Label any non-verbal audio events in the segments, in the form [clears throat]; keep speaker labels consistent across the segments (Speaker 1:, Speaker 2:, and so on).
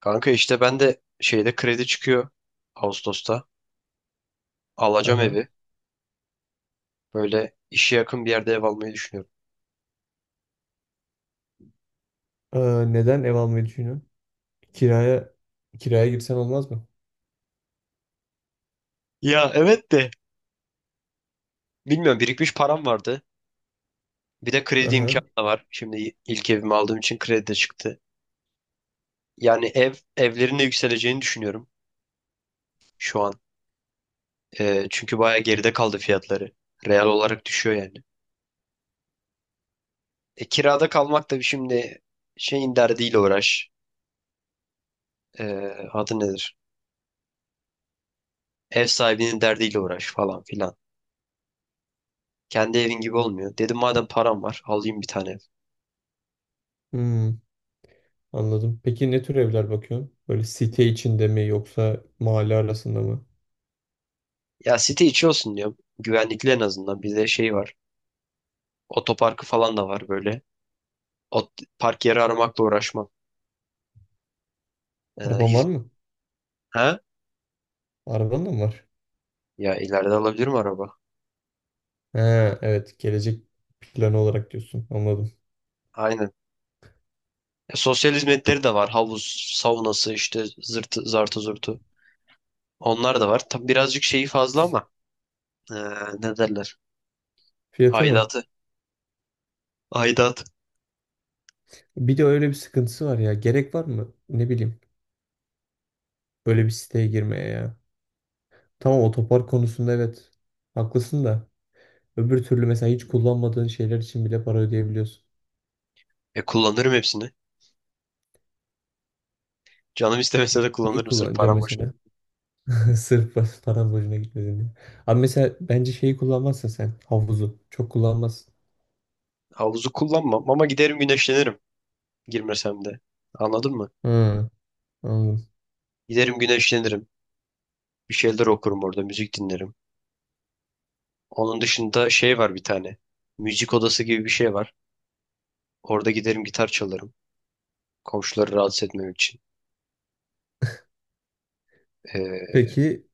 Speaker 1: Kanka işte ben de şeyde kredi çıkıyor Ağustos'ta. Alacağım
Speaker 2: Aha.
Speaker 1: evi. Böyle işe yakın bir yerde ev almayı düşünüyorum.
Speaker 2: Aa, neden ev almayı düşünüyorsun? Kiraya kiraya girsen olmaz mı?
Speaker 1: Ya evet de. Bilmiyorum birikmiş param vardı. Bir de kredi imkanı
Speaker 2: Aha.
Speaker 1: da var. Şimdi ilk evimi aldığım için kredi de çıktı. Yani evlerin de yükseleceğini düşünüyorum şu an. Çünkü bayağı geride kaldı fiyatları. Real olarak düşüyor yani. Kirada kalmak da şimdi şeyin derdiyle uğraş. Ee, Adı nedir? Ev sahibinin derdiyle uğraş falan filan. Kendi evin gibi olmuyor. Dedim madem param var alayım bir tane ev.
Speaker 2: Hmm, anladım. Peki ne tür evler bakıyorsun? Böyle site içinde mi yoksa mahalle arasında mı?
Speaker 1: Ya site içi olsun diyorum. Güvenlikli en azından. Bir de şey var. Otoparkı falan da var böyle. Ot Park yeri aramakla uğraşmam. Ee,
Speaker 2: Araban var
Speaker 1: hiz-
Speaker 2: mı?
Speaker 1: ha?
Speaker 2: Araban da mı var?
Speaker 1: Ya ileride alabilirim araba.
Speaker 2: He, evet. Gelecek planı olarak diyorsun. Anladım.
Speaker 1: Aynen. Sosyal hizmetleri de var. Havuz, saunası işte zırtı, zartı zurtu. Onlar da var. Tabi birazcık şeyi fazla ama ee, ne derler?
Speaker 2: Fiyatı mı?
Speaker 1: Aidatı. Aidat.
Speaker 2: Bir de öyle bir sıkıntısı var ya. Gerek var mı? Ne bileyim. Böyle bir siteye girmeye ya. Tamam, otopark konusunda evet. Haklısın da. Öbür türlü mesela hiç kullanmadığın şeyler için bile para ödeyebiliyorsun.
Speaker 1: Kullanırım hepsini. Canım istemese de
Speaker 2: Neyi
Speaker 1: kullanırım sırf
Speaker 2: kullanacağım
Speaker 1: param boşuna.
Speaker 2: mesela? [laughs] Sırf param boşuna gitmesin diye. Abi mesela bence şeyi kullanmazsın sen. Havuzu. Çok kullanmazsın.
Speaker 1: Havuzu kullanmam ama giderim güneşlenirim. Girmesem de. Anladın mı?
Speaker 2: Hı, anladım.
Speaker 1: Giderim güneşlenirim. Bir şeyler okurum orada, müzik dinlerim. Onun dışında şey var bir tane. Müzik odası gibi bir şey var. Orada giderim gitar çalarım. Komşuları rahatsız etmem için. Ee,
Speaker 2: Peki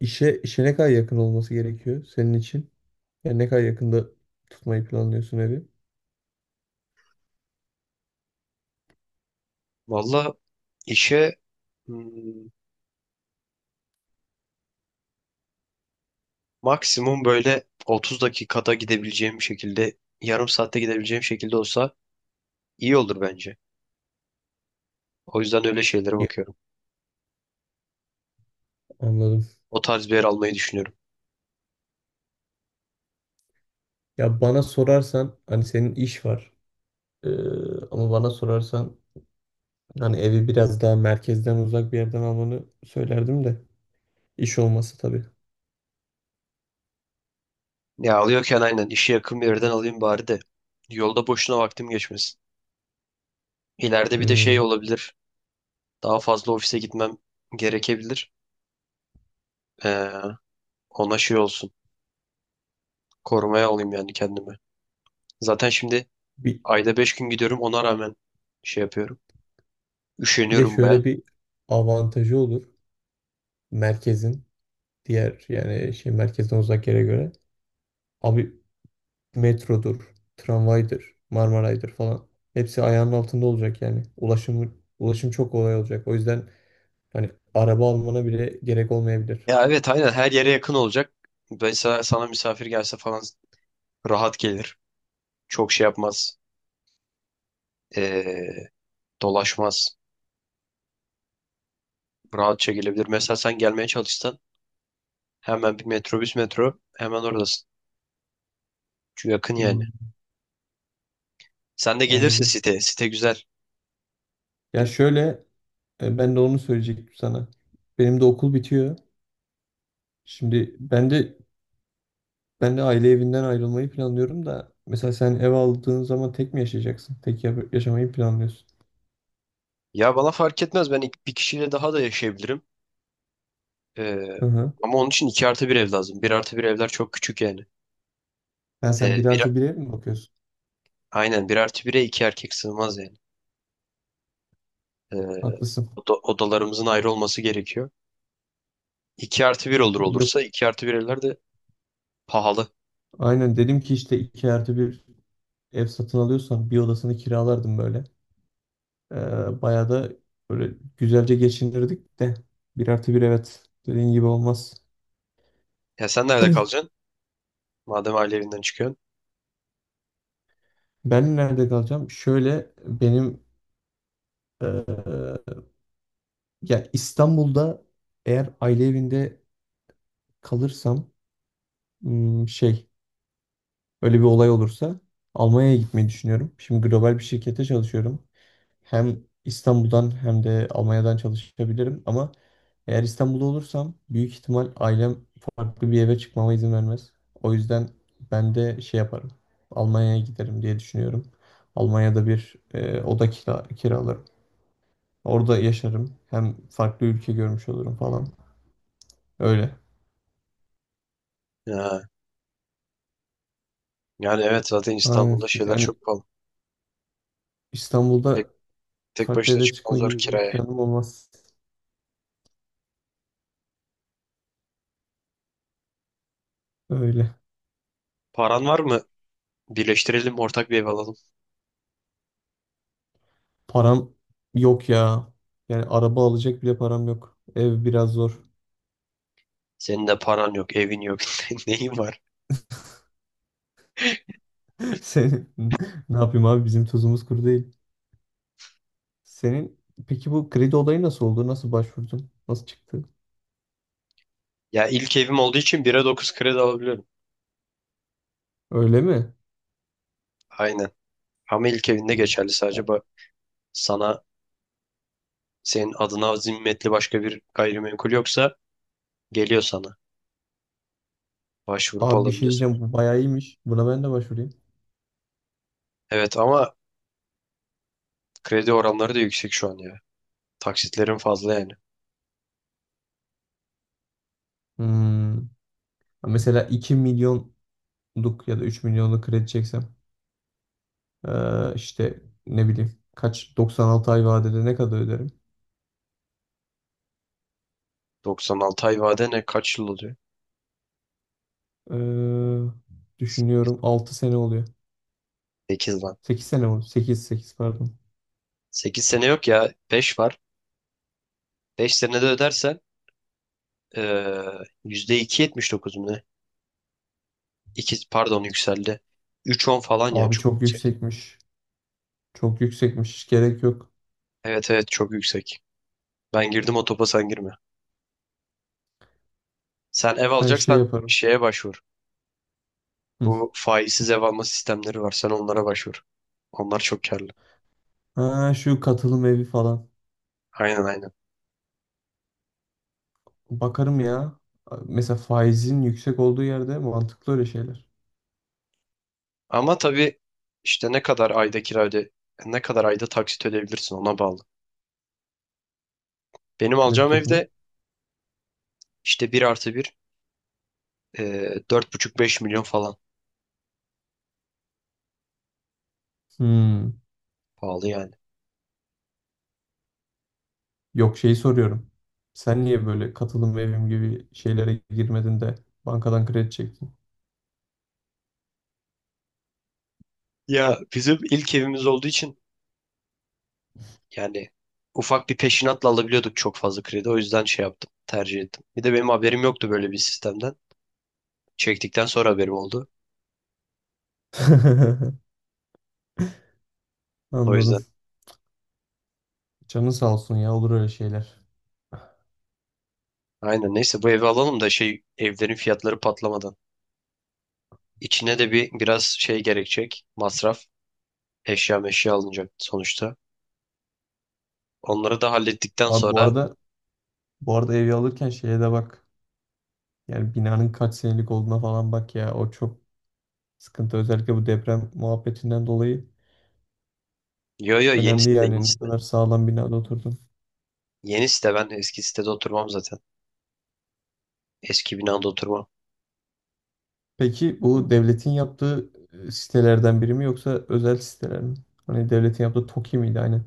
Speaker 2: işe ne kadar yakın olması gerekiyor senin için? Yani ne kadar yakında tutmayı planlıyorsun evi?
Speaker 1: Valla işe hmm, maksimum böyle 30 dakikada gidebileceğim şekilde, yarım saatte gidebileceğim şekilde olsa iyi olur bence. O yüzden öyle şeylere
Speaker 2: Ya,
Speaker 1: bakıyorum.
Speaker 2: anladım.
Speaker 1: O tarz bir yer almayı düşünüyorum.
Speaker 2: Ya bana sorarsan hani senin iş var. Ee, ama bana sorarsan hani evi biraz daha merkezden uzak bir yerden almanı söylerdim de iş olması tabii.
Speaker 1: Ya alıyorken aynen işe yakın bir yerden alayım bari de. Yolda boşuna vaktim geçmesin. İleride bir de şey
Speaker 2: Hmm.
Speaker 1: olabilir. Daha fazla ofise gitmem gerekebilir. Ee, Ona şey olsun. Korumaya alayım yani kendimi. Zaten şimdi
Speaker 2: Bir,
Speaker 1: ayda 5 gün gidiyorum ona rağmen şey yapıyorum.
Speaker 2: bir de
Speaker 1: Üşeniyorum baya.
Speaker 2: şöyle bir avantajı olur merkezin diğer yani şey merkezden uzak yere göre. Abi metrodur, tramvaydır, Marmaray'dır falan. Hepsi ayağının altında olacak yani. Ulaşım çok kolay olacak. O yüzden hani araba almana bile gerek olmayabilir.
Speaker 1: Ya evet aynen her yere yakın olacak. Mesela sana misafir gelse falan rahat gelir. Çok şey yapmaz. Ee, Dolaşmaz. Rahatça gelebilir. Mesela sen gelmeye çalışsan hemen bir metrobüs metro hemen oradasın. Çünkü yakın yani.
Speaker 2: Hmm.
Speaker 1: Sen de gelirse
Speaker 2: Anladım.
Speaker 1: site. Site güzel.
Speaker 2: Ya şöyle ben de onu söyleyecektim sana. Benim de okul bitiyor. Şimdi ben de Ben de aile evinden ayrılmayı planlıyorum da mesela sen ev aldığın zaman tek mi yaşayacaksın? Yaşamayı planlıyorsun.
Speaker 1: Ya bana fark etmez. Ben bir kişiyle daha da yaşayabilirim. Ee,
Speaker 2: Hı hı.
Speaker 1: Ama onun için 2 artı bir ev lazım. Bir artı bir evler çok küçük yani.
Speaker 2: Yani sen
Speaker 1: Ee,
Speaker 2: bir
Speaker 1: bir,
Speaker 2: artı bir ev mi bakıyorsun?
Speaker 1: aynen bir artı 1'e 2 erkek sığmaz yani. Ee,
Speaker 2: Haklısın.
Speaker 1: Odalarımızın ayrı olması gerekiyor. İki artı bir
Speaker 2: Yok.
Speaker 1: olursa 2 artı bir evler de pahalı.
Speaker 2: Aynen dedim ki işte iki artı bir ev satın alıyorsam bir odasını kiralardım böyle. Bayağı da böyle güzelce geçinirdik de bir artı bir evet dediğin gibi olmaz.
Speaker 1: Ya sen nerede
Speaker 2: [clears throat]
Speaker 1: kalacaksın? Madem aile evinden çıkıyorsun.
Speaker 2: Ben nerede kalacağım? Şöyle benim eee, ya İstanbul'da eğer aile evinde kalırsam hmm, şey öyle bir olay olursa Almanya'ya gitmeyi düşünüyorum. Şimdi global bir şirkete çalışıyorum. Hem İstanbul'dan hem de Almanya'dan çalışabilirim, ama eğer İstanbul'da olursam büyük ihtimal ailem farklı bir eve çıkmama izin vermez. O yüzden ben de şey yaparım. Almanya'ya giderim diye düşünüyorum. Almanya'da bir kiralarım. Orada yaşarım. Hem farklı ülke görmüş olurum falan. Öyle.
Speaker 1: Ya, yani evet zaten
Speaker 2: Aynen.
Speaker 1: İstanbul'da şeyler
Speaker 2: Yani
Speaker 1: çok pahalı. Tek,
Speaker 2: İstanbul'da
Speaker 1: tek
Speaker 2: farklı
Speaker 1: başına
Speaker 2: eve
Speaker 1: çıkman
Speaker 2: çıkma
Speaker 1: zor
Speaker 2: gibi bir
Speaker 1: kiraya.
Speaker 2: planım olmaz. Öyle.
Speaker 1: Paran var mı? Birleştirelim ortak bir ev alalım.
Speaker 2: Param yok ya. Yani araba alacak bile param yok. Ev biraz zor.
Speaker 1: Senin de paran yok, evin yok. [laughs] Neyin var?
Speaker 2: [laughs] Senin [laughs] ne yapayım abi, bizim tuzumuz kuru değil. Senin peki bu kredi olayı nasıl oldu? Nasıl başvurdun? Nasıl çıktı?
Speaker 1: Ya ilk evim olduğu için 1'e 9 kredi alabiliyorum.
Speaker 2: Öyle mi?
Speaker 1: Aynen. Ama ilk evinde geçerli sadece
Speaker 2: O-
Speaker 1: bak sana senin adına zimmetli başka bir gayrimenkul yoksa geliyor sana. Başvurup
Speaker 2: Abi bir şey
Speaker 1: alabiliyorsun.
Speaker 2: diyeceğim, bu bayağı iyiymiş. Buna ben de başvurayım.
Speaker 1: Evet ama kredi oranları da yüksek şu an ya. Taksitlerin fazla yani.
Speaker 2: Hmm. Mesela 2 milyonluk ya da 3 milyonluk kredi çeksem, işte ne bileyim 96 ay vadede ne kadar öderim?
Speaker 1: 96 ay vade ne kaç yıl oluyor?
Speaker 2: Düşünüyorum 6 sene oluyor.
Speaker 1: 8 lan.
Speaker 2: 8 sene oldu. Sekiz pardon.
Speaker 1: 8 sene yok ya. 5 var. 5 senede ödersen eee %2,79 mu ne? 2, pardon yükseldi. 3,10 falan ya
Speaker 2: Abi
Speaker 1: çok
Speaker 2: çok
Speaker 1: yüksek.
Speaker 2: yüksekmiş. Çok yüksekmiş. Hiç gerek yok.
Speaker 1: Evet evet çok yüksek. Ben girdim o topa sen girme. Sen ev
Speaker 2: Ben şey
Speaker 1: alacaksan
Speaker 2: yaparım.
Speaker 1: şeye başvur.
Speaker 2: Hı.
Speaker 1: Bu faizsiz ev alma sistemleri var. Sen onlara başvur. Onlar çok karlı.
Speaker 2: Ha, şu katılım evi falan.
Speaker 1: Aynen aynen.
Speaker 2: Bakarım ya. Mesela faizin yüksek olduğu yerde mantıklı öyle şeyler.
Speaker 1: Ama tabii işte ne kadar ayda kira öde, ne kadar ayda taksit ödeyebilirsin ona bağlı. Benim
Speaker 2: Kredi
Speaker 1: alacağım
Speaker 2: topuna.
Speaker 1: evde işte bir artı bir 4,5-5 milyon falan.
Speaker 2: Hmm.
Speaker 1: Pahalı yani.
Speaker 2: Yok şeyi soruyorum. Sen niye böyle katılım evim gibi şeylere girmedin de bankadan kredi çektin?
Speaker 1: Ya bizim ilk evimiz olduğu için yani ufak bir peşinatla alabiliyorduk çok fazla kredi. O yüzden şey yaptım, tercih ettim. Bir de benim haberim yoktu böyle bir sistemden. Çektikten sonra haberim oldu.
Speaker 2: [laughs]
Speaker 1: O yüzden.
Speaker 2: Anladım. Canın sağ olsun ya, olur öyle şeyler.
Speaker 1: Aynen neyse bu evi alalım da şey evlerin fiyatları patlamadan. İçine de biraz şey gerekecek. Masraf. Eşya meşya alınacak sonuçta. Onları da hallettikten
Speaker 2: Abi bu
Speaker 1: sonra
Speaker 2: arada bu arada evi alırken şeye de bak. Yani binanın kaç senelik olduğuna falan bak ya. O çok sıkıntı, özellikle bu deprem muhabbetinden dolayı
Speaker 1: yo yo yeni
Speaker 2: önemli,
Speaker 1: site yeni
Speaker 2: yani ne
Speaker 1: site.
Speaker 2: kadar sağlam binada oturdun.
Speaker 1: Yeni site ben eski sitede oturmam zaten. Eski binada oturmam.
Speaker 2: Peki bu devletin yaptığı sitelerden biri mi yoksa özel siteler mi? Hani devletin yaptığı TOKİ miydi aynen.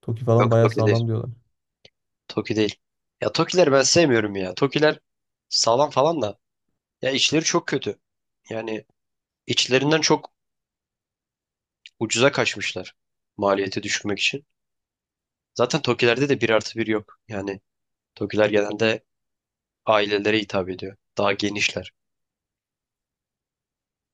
Speaker 2: TOKİ falan
Speaker 1: Yok
Speaker 2: bayağı
Speaker 1: Toki değil.
Speaker 2: sağlam diyorlar.
Speaker 1: Toki değil. Ya Tokileri ben sevmiyorum ya. Tokiler sağlam falan da. Ya içleri çok kötü. Yani içlerinden çok ucuza kaçmışlar. Maliyeti düşürmek için. Zaten Tokilerde de bir artı bir yok. Yani Tokiler genelde ailelere hitap ediyor. Daha genişler.